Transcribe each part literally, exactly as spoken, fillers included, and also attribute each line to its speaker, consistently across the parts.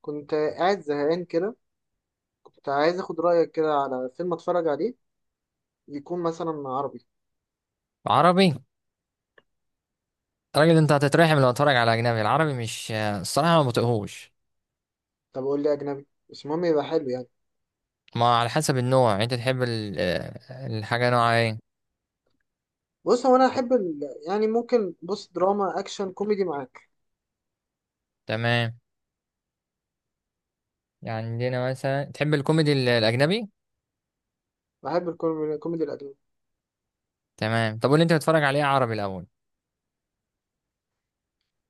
Speaker 1: كنت قاعد زهقان كده. كنت عايز اخد رأيك كده على فيلم اتفرج عليه، يكون مثلا عربي.
Speaker 2: عربي. راجل انت هتترحم لو اتفرج على اجنبي، العربي مش، الصراحه ما بطيقهوش.
Speaker 1: طب قول لي اجنبي بس المهم يبقى حلو يعني.
Speaker 2: ما على حسب النوع، يعني انت تحب ال- الحاجه نوعها ايه.
Speaker 1: بص هو انا احب ال... يعني ممكن بص دراما اكشن كوميدي معاك.
Speaker 2: تمام، يعني عندنا مثلا تحب الكوميدي ال- الاجنبي.
Speaker 1: بحب الكوميدي الكوميدي الاجنبي.
Speaker 2: تمام، طب واللي انت بتتفرج عليه عربي الاول.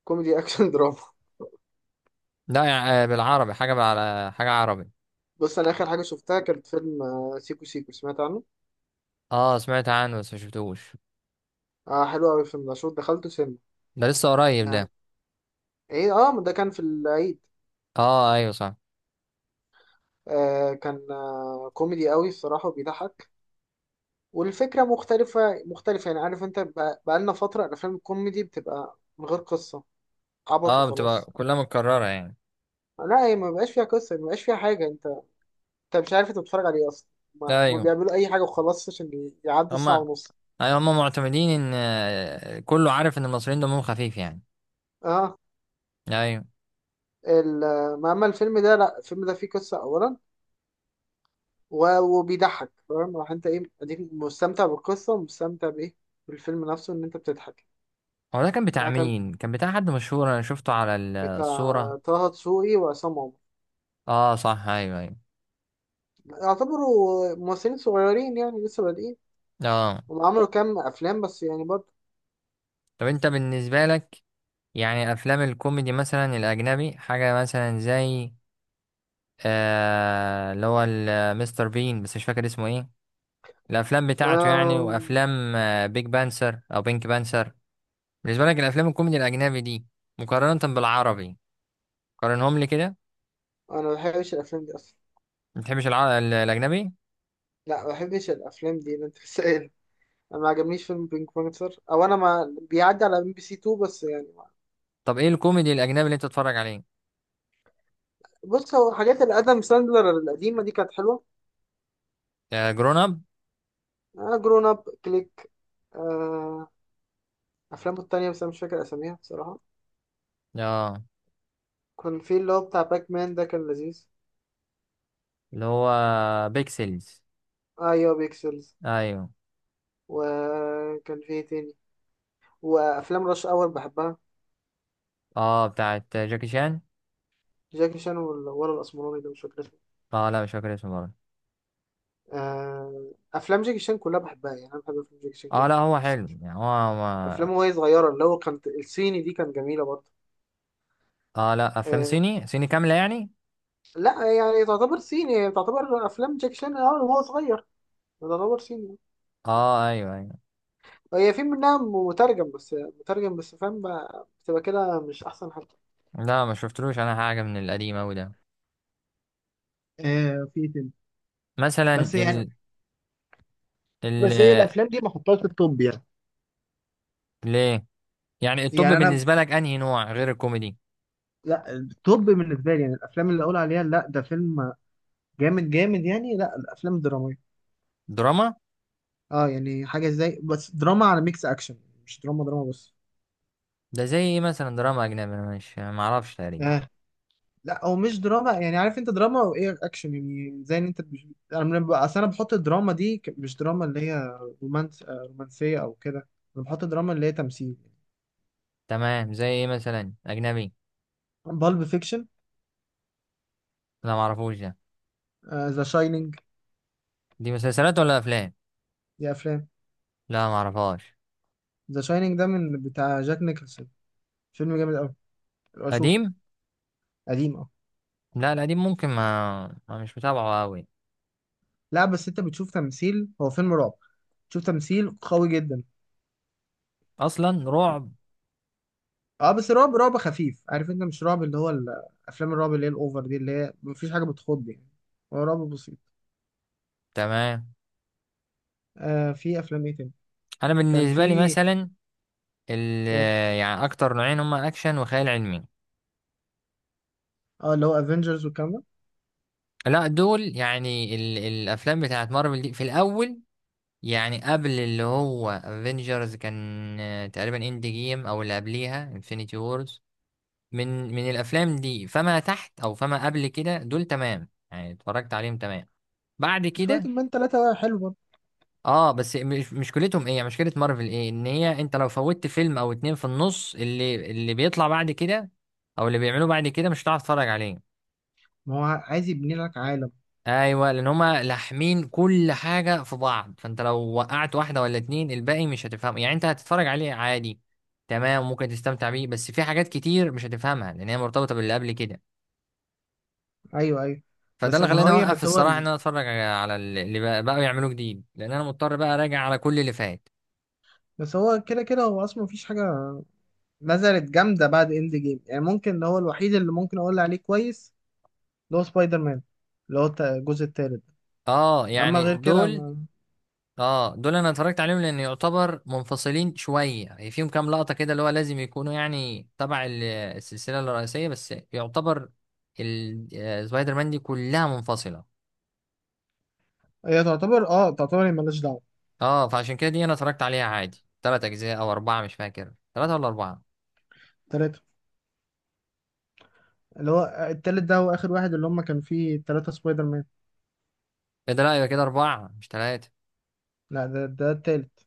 Speaker 1: كوميدي اكشن دراما.
Speaker 2: لا، يع- بالعربي حاجه على حاجه عربي.
Speaker 1: بص انا اخر حاجه شفتها كانت فيلم آه، سيكو سيكو، سمعت عنه.
Speaker 2: اه سمعت عنه بس ما شفتوش.
Speaker 1: اه حلو قوي الفيلم ده، شوف دخلته سينما
Speaker 2: ده لسه قريب
Speaker 1: يعني.
Speaker 2: ده.
Speaker 1: ايه اه ده كان في العيد.
Speaker 2: اه ايوه صح.
Speaker 1: آه كان آه كوميدي قوي الصراحه وبيضحك. والفكرة مختلفة مختلفة يعني، عارف انت بقى- بقالنا فترة الأفلام الكوميدي بتبقى من غير قصة، عبط
Speaker 2: اه بتبقى
Speaker 1: وخلاص.
Speaker 2: كلها متكرره يعني.
Speaker 1: لا هي ما بقاش فيها قصة، ما بقاش فيها حاجة. انت انت مش عارف انت بتتفرج على ايه أصلا، ما, ما
Speaker 2: ايوه
Speaker 1: بيعملوا أي حاجة وخلاص عشان ي- يعدوا الساعة
Speaker 2: هما،
Speaker 1: ونص.
Speaker 2: ايوه هما معتمدين ان آه، كله عارف ان المصريين دمهم خفيف يعني.
Speaker 1: اه
Speaker 2: ايوه.
Speaker 1: ال... ما أما الفيلم ده لا، الفيلم ده فيه قصة أولا، و... وبيضحك، فاهم؟ راح انت ايه، اديك مستمتع بالقصة ومستمتع بايه، بالفيلم نفسه ان انت بتضحك.
Speaker 2: هو ده كان بتاع
Speaker 1: ده كان
Speaker 2: مين؟ كان بتاع حد مشهور، انا شفته على ال-
Speaker 1: بتاع
Speaker 2: الصورة.
Speaker 1: طه دسوقي وعصام عمر.
Speaker 2: اه صح، ايوه ايوه.
Speaker 1: يعتبروا ممثلين صغيرين يعني، لسه بادئين.
Speaker 2: اه
Speaker 1: هم عملوا كام افلام بس يعني برضه.
Speaker 2: طب انت بالنسبة لك، يعني افلام الكوميدي مثلا الاجنبي، حاجة مثلا زي آه اللي هو ال- مستر بين، بس مش فاكر اسمه ايه. الافلام بتاعته يعني،
Speaker 1: آم،
Speaker 2: وافلام آه، بيج بانسر او بينك بانسر. بالنسبة لك الافلام الكوميدي الاجنبي دي، مقارنة بالعربي، قارنهم لي كده.
Speaker 1: انا ما بحبش الافلام دي اصلا.
Speaker 2: ما بتحبش الع... ال- الاجنبي.
Speaker 1: لا ما بحبش الافلام دي اللي انت سائل. انا ما عجبنيش فيلم بينك بانثر، او انا ما بيعدي على ام بي سي اتنين بس يعني ما.
Speaker 2: طب ايه الكوميدي الاجنبي اللي انت بتتفرج عليه؟
Speaker 1: بص هو حاجات الادم ساندلر القديمه دي كانت حلوه.
Speaker 2: آه جرون اب.
Speaker 1: آه جرون اب، كليك، آه افلامه التانية بس انا مش فاكر اساميها بصراحه.
Speaker 2: اه
Speaker 1: كان في اللي هو بتاع باك مان، ده كان لذيذ.
Speaker 2: اللي هو بيكسلز.
Speaker 1: ايوه بيكسلز.
Speaker 2: ايوه.
Speaker 1: وكان في إيه تاني، وافلام رش اور بحبها.
Speaker 2: اه بتاعت جاكي شان.
Speaker 1: جاكي شان وال- ولا الاسمراني ده مش فاكر.
Speaker 2: اه لا مش فاكر اسمه برضه.
Speaker 1: آه، افلام جاكي شان كلها بحبها يعني، انا بحب افلام جاكي شان
Speaker 2: اه
Speaker 1: جدا.
Speaker 2: لا هو
Speaker 1: بس
Speaker 2: حلو
Speaker 1: مش
Speaker 2: يعني، هو ما...
Speaker 1: افلامه وهي صغيره، اللي هو كانت الصيني دي كانت جميله برضه.
Speaker 2: اه لا افلام
Speaker 1: آه،
Speaker 2: صيني صيني كامله يعني.
Speaker 1: لا يعني تعتبر صيني، هي تعتبر افلام جاكي شان اه وهو صغير، تعتبر صيني.
Speaker 2: اه ايوه ايوه.
Speaker 1: هي في منها مترجم بس، مترجم بس، فاهم؟ بقى- بتبقى كده مش احسن حاجه.
Speaker 2: لا ما شفتلوش انا حاجه من القديم اوي ده.
Speaker 1: آه في كده
Speaker 2: مثلا
Speaker 1: بس يعني،
Speaker 2: ال ال.
Speaker 1: بس هي الافلام دي ما احطهاش في التوب يعني.
Speaker 2: ليه؟ يعني الطب
Speaker 1: يعني انا
Speaker 2: بالنسبه لك انهي نوع غير الكوميدي؟
Speaker 1: لا، التوب بالنسبه لي يعني الافلام اللي اقول عليها لا ده فيلم جامد جامد يعني، لا الافلام الدراميه.
Speaker 2: دراما.
Speaker 1: اه يعني حاجه زي بس دراما على ميكس اكشن، مش دراما دراما بس.
Speaker 2: ده زي ايه مثلا دراما اجنبي، انا مش، ما اعرفش تقريبا.
Speaker 1: اه لا هو مش دراما، يعني عارف انت دراما وايه اكشن، يعني زي ان انت بش... انا من... اصل انا بحط الدراما دي ك- مش دراما اللي هي رومانس، آه، رومانسيه او كده. انا بحط الدراما اللي هي تمثيل.
Speaker 2: تمام، زي ايه مثلا اجنبي؟
Speaker 1: بالب فيكشن،
Speaker 2: لا ما اعرفوش ده.
Speaker 1: ذا شاينينج.
Speaker 2: دي مسلسلات ولا افلام؟
Speaker 1: دي افلام.
Speaker 2: لا ما اعرفهاش.
Speaker 1: ذا شاينينج ده من بتاع جاك نيكلسون، فيلم جامد قوي، اشوفه.
Speaker 2: قديم.
Speaker 1: قديم اه.
Speaker 2: لا القديم ممكن ما, ما مش متابعه قوي.
Speaker 1: لا بس انت بتشوف تمثيل، هو فيلم رعب، بتشوف تمثيل قوي جدا.
Speaker 2: اصلا رعب؟
Speaker 1: اه بس رعب رعب خفيف، عارف انت مش رعب اللي هو ال- افلام الرعب اللي هي الاوفر دي، اللي هي مفيش حاجه بتخض يعني، هو رعب بسيط.
Speaker 2: تمام.
Speaker 1: آه في افلام ايه تاني،
Speaker 2: انا
Speaker 1: كان
Speaker 2: بالنسبه لي
Speaker 1: في
Speaker 2: مثلا ال... يعني اكتر نوعين هما اكشن وخيال علمي.
Speaker 1: اه، اللي هو افنجرز والكلام ده.
Speaker 2: لا دول يعني ال... الافلام بتاعت مارفل دي في الاول. يعني قبل اللي هو افنجرز كان آه، تقريبا اند جيم، او اللي قبليها انفينيتي وورز. من من الافلام دي فما تحت، او فما قبل كده، دول تمام يعني اتفرجت عليهم تمام. بعد
Speaker 1: سبايدر
Speaker 2: كده
Speaker 1: مان تلاتة حلو برضه.
Speaker 2: اه. بس مش، مشكلتهم ايه يعني، مشكلة مارفل ايه، ان هي انت لو فوتت فيلم او اتنين في النص، اللي اللي بيطلع بعد كده او اللي بيعملوه بعد كده مش هتعرف تتفرج عليه.
Speaker 1: ما هو عايز يبني لك عالم.
Speaker 2: ايوه، لان هما لاحمين كل حاجة في بعض. فانت لو وقعت واحدة ولا اتنين الباقي مش هتفهمه، يعني انت هتتفرج عليه عادي، تمام، ممكن تستمتع بيه، بس في حاجات كتير مش هتفهمها لان هي مرتبطة باللي قبل كده.
Speaker 1: ايوه ايوه.
Speaker 2: فده
Speaker 1: بس
Speaker 2: اللي
Speaker 1: ما هو
Speaker 2: خلاني
Speaker 1: هي
Speaker 2: اوقف
Speaker 1: بس هو
Speaker 2: الصراحة،
Speaker 1: ال-
Speaker 2: ان انا اتفرج على اللي بقى- بقوا يعملوه جديد، لان انا مضطر بقى اراجع على كل اللي فات.
Speaker 1: بس هو كده كده هو اصلا مفيش حاجه نزلت جامده بعد اند جيم يعني. ممكن اللي هو الوحيد اللي ممكن اقول عليه كويس اللي هو سبايدر مان، اللي هو الت- الجزء التالت.
Speaker 2: اه
Speaker 1: اما
Speaker 2: يعني
Speaker 1: غير كده
Speaker 2: دول،
Speaker 1: ما...
Speaker 2: اه دول انا اتفرجت عليهم لان يعتبر منفصلين شويه يعني. فيهم كام لقطه كده اللي هو لازم يكونوا يعني تبع ال- السلسله الرئيسيه، بس يعتبر ال- آه، سبايدر مان دي كلها منفصله.
Speaker 1: هي تعتبر اه، تعتبر هي مالهاش دعوه.
Speaker 2: اه فعشان كده دي انا اتفرجت عليها عادي. ثلاث اجزاء او اربعه، مش فاكر ثلاثه ولا اربعه.
Speaker 1: تلاتة. اللي هو التالت ده هو آخر واحد اللي هم كان فيه تلاتة سبايدر مان.
Speaker 2: ايه ده؟ لا يبقى كده اربعه مش ثلاثه.
Speaker 1: لا ده ده التالت.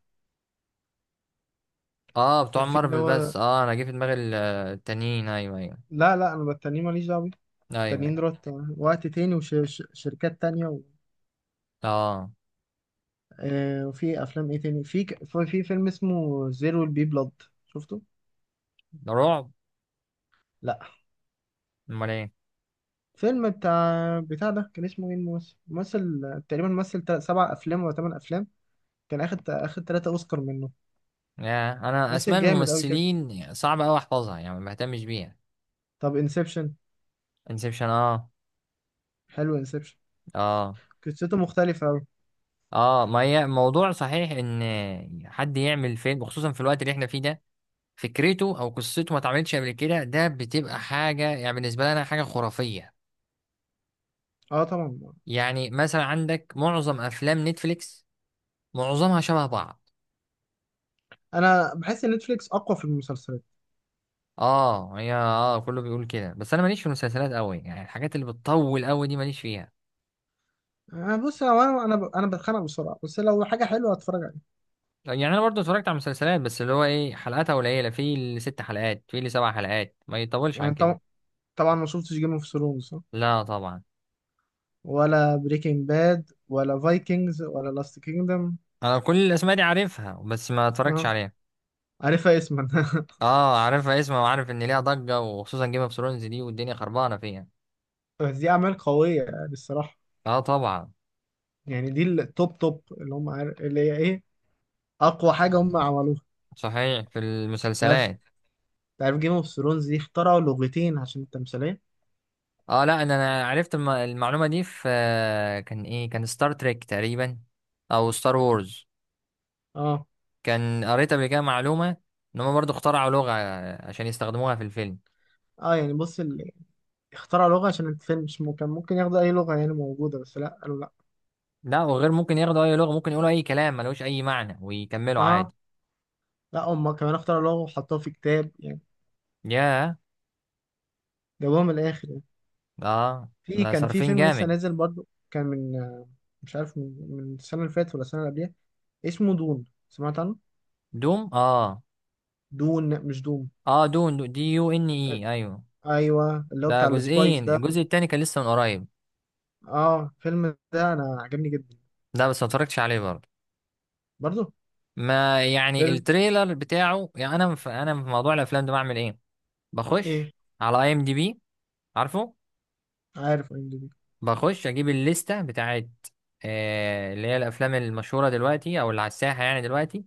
Speaker 2: اه بتوع
Speaker 1: كان فيه اللي
Speaker 2: مارفل
Speaker 1: هو
Speaker 2: بس، اه انا جه في دماغي ال- آه، التانيين، ايوه ايوه.
Speaker 1: لا لا، أنا بالتانيين ماليش دعوة بيه.
Speaker 2: ايوه
Speaker 1: التانيين
Speaker 2: ايوه.
Speaker 1: دولت وقت تاني وشركات تانية و...
Speaker 2: اه.
Speaker 1: آه وفي أفلام إيه تاني، في ك... في فيلم اسمه زيرو البي بلاد، شفته؟
Speaker 2: ده رعب؟
Speaker 1: لا.
Speaker 2: امال ايه.
Speaker 1: فيلم بتاع بتاع ده كان اسمه إيه الممثل؟ ممثل تقريبا مثل تل- سبع أفلام ولا تمن أفلام، كان أخد أخد تلاتة أوسكار منه.
Speaker 2: يا، انا اسماء
Speaker 1: ممثل جامد أوي كده.
Speaker 2: الممثلين صعب قوي احفظها يعني، ما بهتمش بيها.
Speaker 1: طب انسبشن.
Speaker 2: انسبشن، اه.
Speaker 1: حلو انسبشن،
Speaker 2: اه.
Speaker 1: قصته مختلفة أوي.
Speaker 2: اه ما هي موضوع صحيح، ان حد يعمل فيلم خصوصا في الوقت اللي احنا فيه ده، فكرته او قصته ما اتعملتش قبل كده، ده بتبقى حاجه يعني بالنسبه لنا حاجه خرافيه.
Speaker 1: اه طبعا.
Speaker 2: يعني مثلا عندك معظم افلام نتفليكس، معظمها شبه بعض.
Speaker 1: انا بحس ان نتفليكس اقوى في المسلسلات.
Speaker 2: اه هي، اه كله بيقول كده بس انا ماليش في المسلسلات قوي يعني، الحاجات اللي بتطول قوي دي ماليش فيها.
Speaker 1: أنا بص لو انا انا ب- انا بتخانق بسرعه، بس لو حاجه حلوه هتفرج عليها.
Speaker 2: يعني انا برضو اتفرجت على مسلسلات بس اللي هو ايه، حلقاتها قليله، في اللي ست حلقات، في اللي سبع حلقات، ما يطولش عن
Speaker 1: يعني
Speaker 2: كده.
Speaker 1: طب- طبعا ما شفتش جيم اوف ثرونز
Speaker 2: لا طبعا.
Speaker 1: ولا بريكنج باد ولا فايكنجز ولا لاست كينجدم.
Speaker 2: انا كل الاسماء دي عارفها بس ما اتفرجتش
Speaker 1: اه
Speaker 2: عليها.
Speaker 1: عارفها اسما
Speaker 2: اه عارفها اسمها، وعارف ان ليها ضجة وخصوصا جيم اوف ثرونز دي، والدنيا خربانة فيها.
Speaker 1: بس دي اعمال قويه يعني الصراحه.
Speaker 2: اه طبعا.
Speaker 1: يعني دي التوب توب، اللي هم عارف اللي هي ايه، اقوى حاجه هم عملوها.
Speaker 2: صحيح في
Speaker 1: تعرف
Speaker 2: المسلسلات.
Speaker 1: تعرف جيم اوف ثرونز دي اخترعوا لغتين عشان التمثيليه.
Speaker 2: اه لا، إن انا عرفت الم- المعلومة دي في آه، كان ايه، كان ستار تريك تقريبا او ستار وورز.
Speaker 1: اه
Speaker 2: كان قريت قبل كده معلومة، ان هم برضو اخترعوا لغة عشان يستخدموها في الفيلم.
Speaker 1: اه يعني بص ال... اخترعوا لغه عشان الفيلم، مش ممكن ممكن ياخدوا اي لغه يعني موجوده، بس لا قالوا لا.
Speaker 2: لا، وغير ممكن ياخدوا اي لغة، ممكن يقولوا اي كلام ملوش اي معنى ويكملوا
Speaker 1: اه
Speaker 2: عادي.
Speaker 1: لا هم كمان اختاروا لغة وحطوها في كتاب يعني،
Speaker 2: ياه.
Speaker 1: جابوها من الاخر يعني.
Speaker 2: اه
Speaker 1: في
Speaker 2: ده
Speaker 1: كان في
Speaker 2: صارفين
Speaker 1: فيلم لسه
Speaker 2: جامد.
Speaker 1: نازل برضو، كان من آه، مش عارف من, من السنة اللي فاتت ولا السنة اللي قبلها، اسمه دون، سمعت عنه.
Speaker 2: دوم، اه.
Speaker 1: دون مش دوم.
Speaker 2: اه دون، دو- دي يو ان اي،
Speaker 1: آه،
Speaker 2: ايوه.
Speaker 1: ايوه اللي هو
Speaker 2: ده
Speaker 1: بتاع السبايس
Speaker 2: جزئين،
Speaker 1: ده.
Speaker 2: الجزء التاني كان لسه من قريب.
Speaker 1: اه الفيلم ده انا عجبني جدا.
Speaker 2: ده بس ما اتفرجتش عليه برضه،
Speaker 1: برضو.
Speaker 2: ما يعني
Speaker 1: فيلم
Speaker 2: التريلر بتاعه يعني. انا في انا في موضوع الافلام ده بعمل ايه،
Speaker 1: ايه،
Speaker 2: بخش على اي ام دي بي، عارفه.
Speaker 1: عارف ام دي بي.
Speaker 2: بخش اجيب الليسته بتاعت آه اللي هي الافلام المشهوره دلوقتي او اللي على الساحه يعني دلوقتي.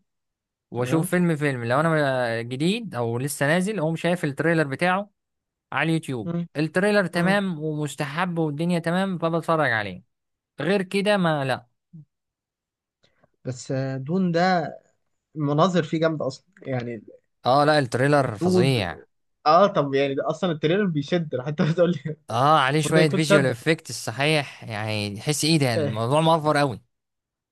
Speaker 1: تمام.
Speaker 2: واشوف فيلم فيلم لو انا ما- جديد او لسه نازل، اقوم شايف التريلر بتاعه على اليوتيوب.
Speaker 1: مم،
Speaker 2: التريلر
Speaker 1: مم.
Speaker 2: تمام ومستحب والدنيا تمام، فبتفرج عليه. غير كده ما لا.
Speaker 1: بس آه، دون ده المناظر فيه جامدة اصلا يعني.
Speaker 2: اه لا التريلر
Speaker 1: الدود.
Speaker 2: فظيع.
Speaker 1: اه طب يعني ده اصلا التريلر بيشد راح انت بتقول لي
Speaker 2: اه عليه
Speaker 1: المفروض ده
Speaker 2: شوية
Speaker 1: يكون
Speaker 2: فيجوال
Speaker 1: شد.
Speaker 2: افكت صحيح، يعني تحس ايه ده،
Speaker 1: آه،
Speaker 2: الموضوع مأفور قوي.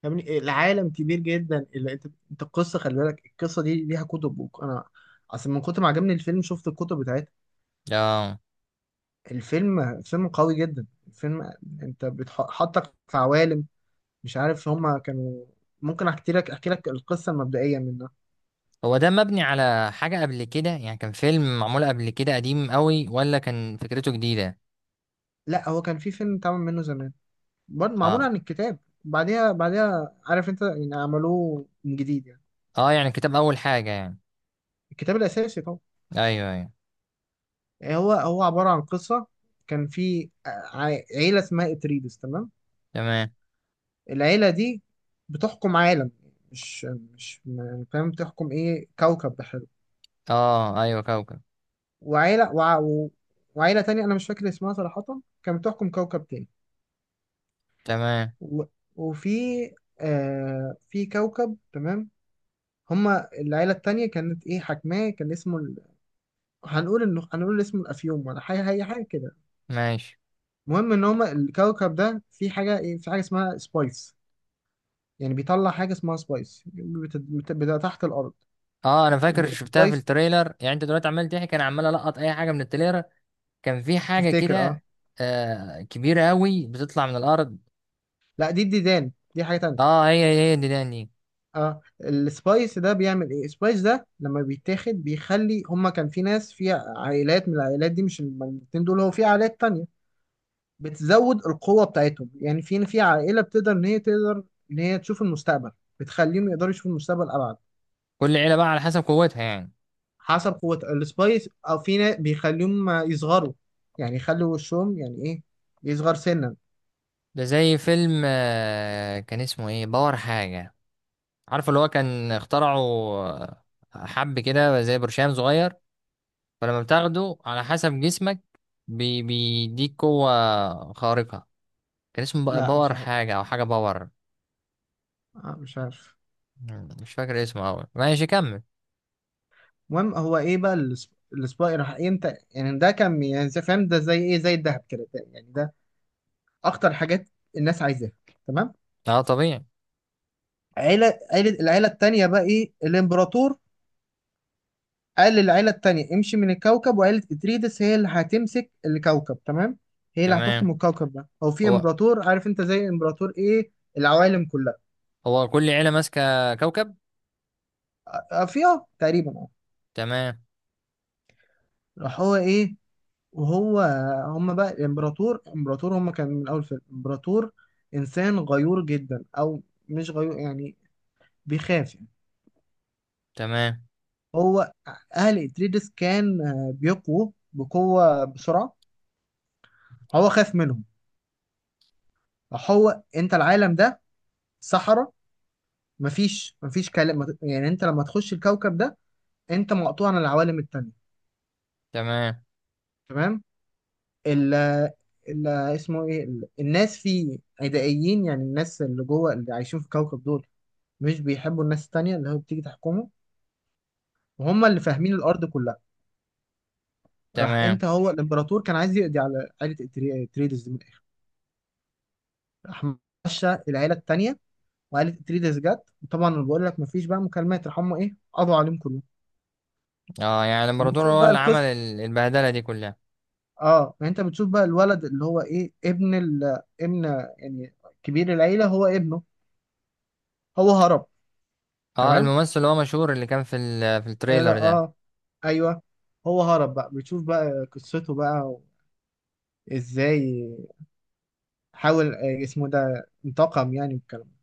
Speaker 1: يعني العالم كبير جدا اللي انت، انت القصه خلي بالك القصه دي ليها كتب وك- انا اصل من كتر ما عجبني الفيلم شفت الكتب بتاعتها.
Speaker 2: اه
Speaker 1: الفيلم فيلم قوي جدا الفيلم، انت بتحطك في عوالم مش عارف هما كانوا. ممكن احكي لك احكي لك القصه المبدئيه منها.
Speaker 2: هو ده مبني على حاجة قبل كده يعني؟ كان فيلم معمول قبل كده قديم قوي، ولا كان فكرته جديدة؟
Speaker 1: لا هو كان في فيلم اتعمل منه زمان برضه، معمول
Speaker 2: اه.
Speaker 1: عن الكتاب، بعديها بعديها عارف انت يعني عملوه من جديد يعني.
Speaker 2: اه يعني كتاب اول حاجة يعني.
Speaker 1: الكتاب الاساسي طبعا.
Speaker 2: ايوه ايوه.
Speaker 1: هو هو عباره عن قصه، كان في ع- عيله اسمها اتريدس تمام.
Speaker 2: تمام.
Speaker 1: العيلة دي بتحكم عالم، مش مش م- فاهم بتحكم ايه، كوكب بحاله.
Speaker 2: اه ايوه كوكب.
Speaker 1: وعيلة وع و- وعيلة تانية أنا مش فاكر اسمها صراحة كانت بتحكم كوكب تاني.
Speaker 2: تمام.
Speaker 1: و وفي آه في كوكب تمام، هما العيلة التانية كانت ايه حاكماه، كان اسمه ال... هنقول انه، هنقول اسمه الأفيوم ولا حاجة، هي حاجة كده.
Speaker 2: ماشي.
Speaker 1: المهم ان هما الكوكب ده في حاجة ايه، في حاجة اسمها سبايس، يعني بيطلع حاجة اسمها سبايس بت... بت... بت... تحت الأرض.
Speaker 2: اه انا فاكر
Speaker 1: ب-
Speaker 2: شفتها في
Speaker 1: سبايس،
Speaker 2: التريلر، يعني انت دلوقتي عمال تحكي انا عمال القط اي حاجة من التريلر. كان في حاجة
Speaker 1: تفتكر اه.
Speaker 2: كده آه كبيرة قوي بتطلع من الارض.
Speaker 1: لا دي الديدان، دي حاجة تانية.
Speaker 2: اه هي، هي دي.
Speaker 1: اه السبايس ده بيعمل ايه، السبايس ده لما بيتاخد بيخلي هما كان في ناس في عائلات، من العائلات دي مش الاتنين دول، هو في عائلات تانية بتزود القوة بتاعتهم، يعني في في عائلة بتقدر ان هي تقدر ان هي تشوف المستقبل، بتخليهم يقدروا يشوفوا المستقبل ابعد.
Speaker 2: كل عيلة بقى على حسب قوتها يعني.
Speaker 1: حسب قوة السبايس، او في ناس بيخليهم يصغروا، يعني يخلوا وشهم يعني ايه، يصغر سنا.
Speaker 2: ده زي فيلم آه، كان اسمه ايه، باور حاجة، عارف اللي هو، كان اخترعه آه، حب كده زي برشام صغير، فلما بتاخده على حسب جسمك بي- بيديك قوة خارقة. كان اسمه بقى
Speaker 1: لا مش
Speaker 2: باور
Speaker 1: عارف،
Speaker 2: حاجة او حاجة باور.
Speaker 1: آه مش عارف.
Speaker 2: مم، مش فاكر اسمه اوي، ماشي كمل.
Speaker 1: المهم هو ايه بقى الأس- الاسبوع راح امتى يعني، ده كان يعني زي- فاهم ده زي ايه، زي الذهب كده، ده- يعني ده اخطر حاجات الناس عايزاها. تمام.
Speaker 2: اه طبيعي.
Speaker 1: عيله عيله العيله التانيه بقى ايه الامبراطور، قال للعيله التانيه امشي من الكوكب وعيله اتريدس هي اللي هتمسك الكوكب تمام، هي اللي هتحكم
Speaker 2: تمام.
Speaker 1: الكوكب ده، او في
Speaker 2: هو،
Speaker 1: امبراطور عارف انت زي امبراطور ايه، العوالم كلها.
Speaker 2: هو كل عيلة ماسكة كوكب؟
Speaker 1: آه، في اه تقريبا اه.
Speaker 2: تمام.
Speaker 1: راح هو ايه وهو، هم بقى الامبراطور، امبراطور هم كان من اول فيلم امبراطور انسان غيور جدا، او مش غيور يعني، بيخاف يعني.
Speaker 2: تمام.
Speaker 1: هو اهل اتريدس كان آه، بيقووا بقوه بسرعه، هو خاف منهم. هو انت العالم ده صحراء، مفيش مفيش كلام يعني، انت لما تخش الكوكب ده انت مقطوع عن العوالم التانية.
Speaker 2: تمام.
Speaker 1: تمام. ال ال- اسمه ايه ال- الناس فيه عدائيين، يعني الناس اللي جوه اللي عايشين في الكوكب دول مش بيحبوا الناس التانية اللي هو بتيجي تحكمه، وهم اللي فاهمين الأرض كلها. راح
Speaker 2: تمام.
Speaker 1: أنت، هو الإمبراطور كان عايز يقضي على عائلة إتري- إتريدز دي من الآخر. راح مشى العيلة التانية، وعائلة إتريدز جت، وطبعا أنا بقول لك مفيش بقى مكالمات، راح هم إيه قضوا عليهم كلهم.
Speaker 2: اه يعني لما
Speaker 1: وبتشوف
Speaker 2: هو
Speaker 1: بقى
Speaker 2: اللي عمل
Speaker 1: القصة.
Speaker 2: ال- البهدلة دي كلها.
Speaker 1: أه يعني أنت بتشوف بقى الولد اللي هو إيه ابن ال ابن يعني كبير العيلة هو ابنه، هو هرب.
Speaker 2: اه
Speaker 1: تمام
Speaker 2: الممثل اللي هو مشهور اللي كان في ال- في
Speaker 1: أه
Speaker 2: التريلر ده.
Speaker 1: آه، أيوه. هو هرب بقى، بتشوف بقى قصته بقى إزاي حاول آه، اسمه ده انتقم يعني والكلام ده.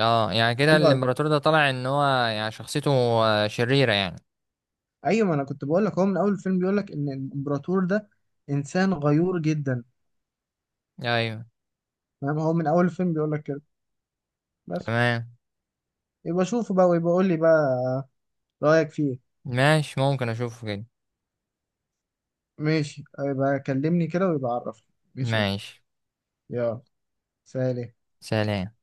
Speaker 2: اه يعني كده
Speaker 1: حلو أوي.
Speaker 2: الامبراطور ده طلع ان هو يعني شخصيته آه، شريرة يعني.
Speaker 1: ايوه ما انا كنت بقول لك هو من اول الفيلم بيقول لك ان الامبراطور ده انسان غيور جدا.
Speaker 2: ايوه.
Speaker 1: فاهم، هو من اول الفيلم بيقول لك كده بس.
Speaker 2: تمام.
Speaker 1: يبقى شوفه بقى، ويبقى قول لي بقى رايك فيه.
Speaker 2: ماشي، ممكن اشوفه كده.
Speaker 1: ماشي آه، يبقى كلمني كده ويبقى عرفني. ماشي.
Speaker 2: ماشي.
Speaker 1: يلا. سلام.
Speaker 2: سلام.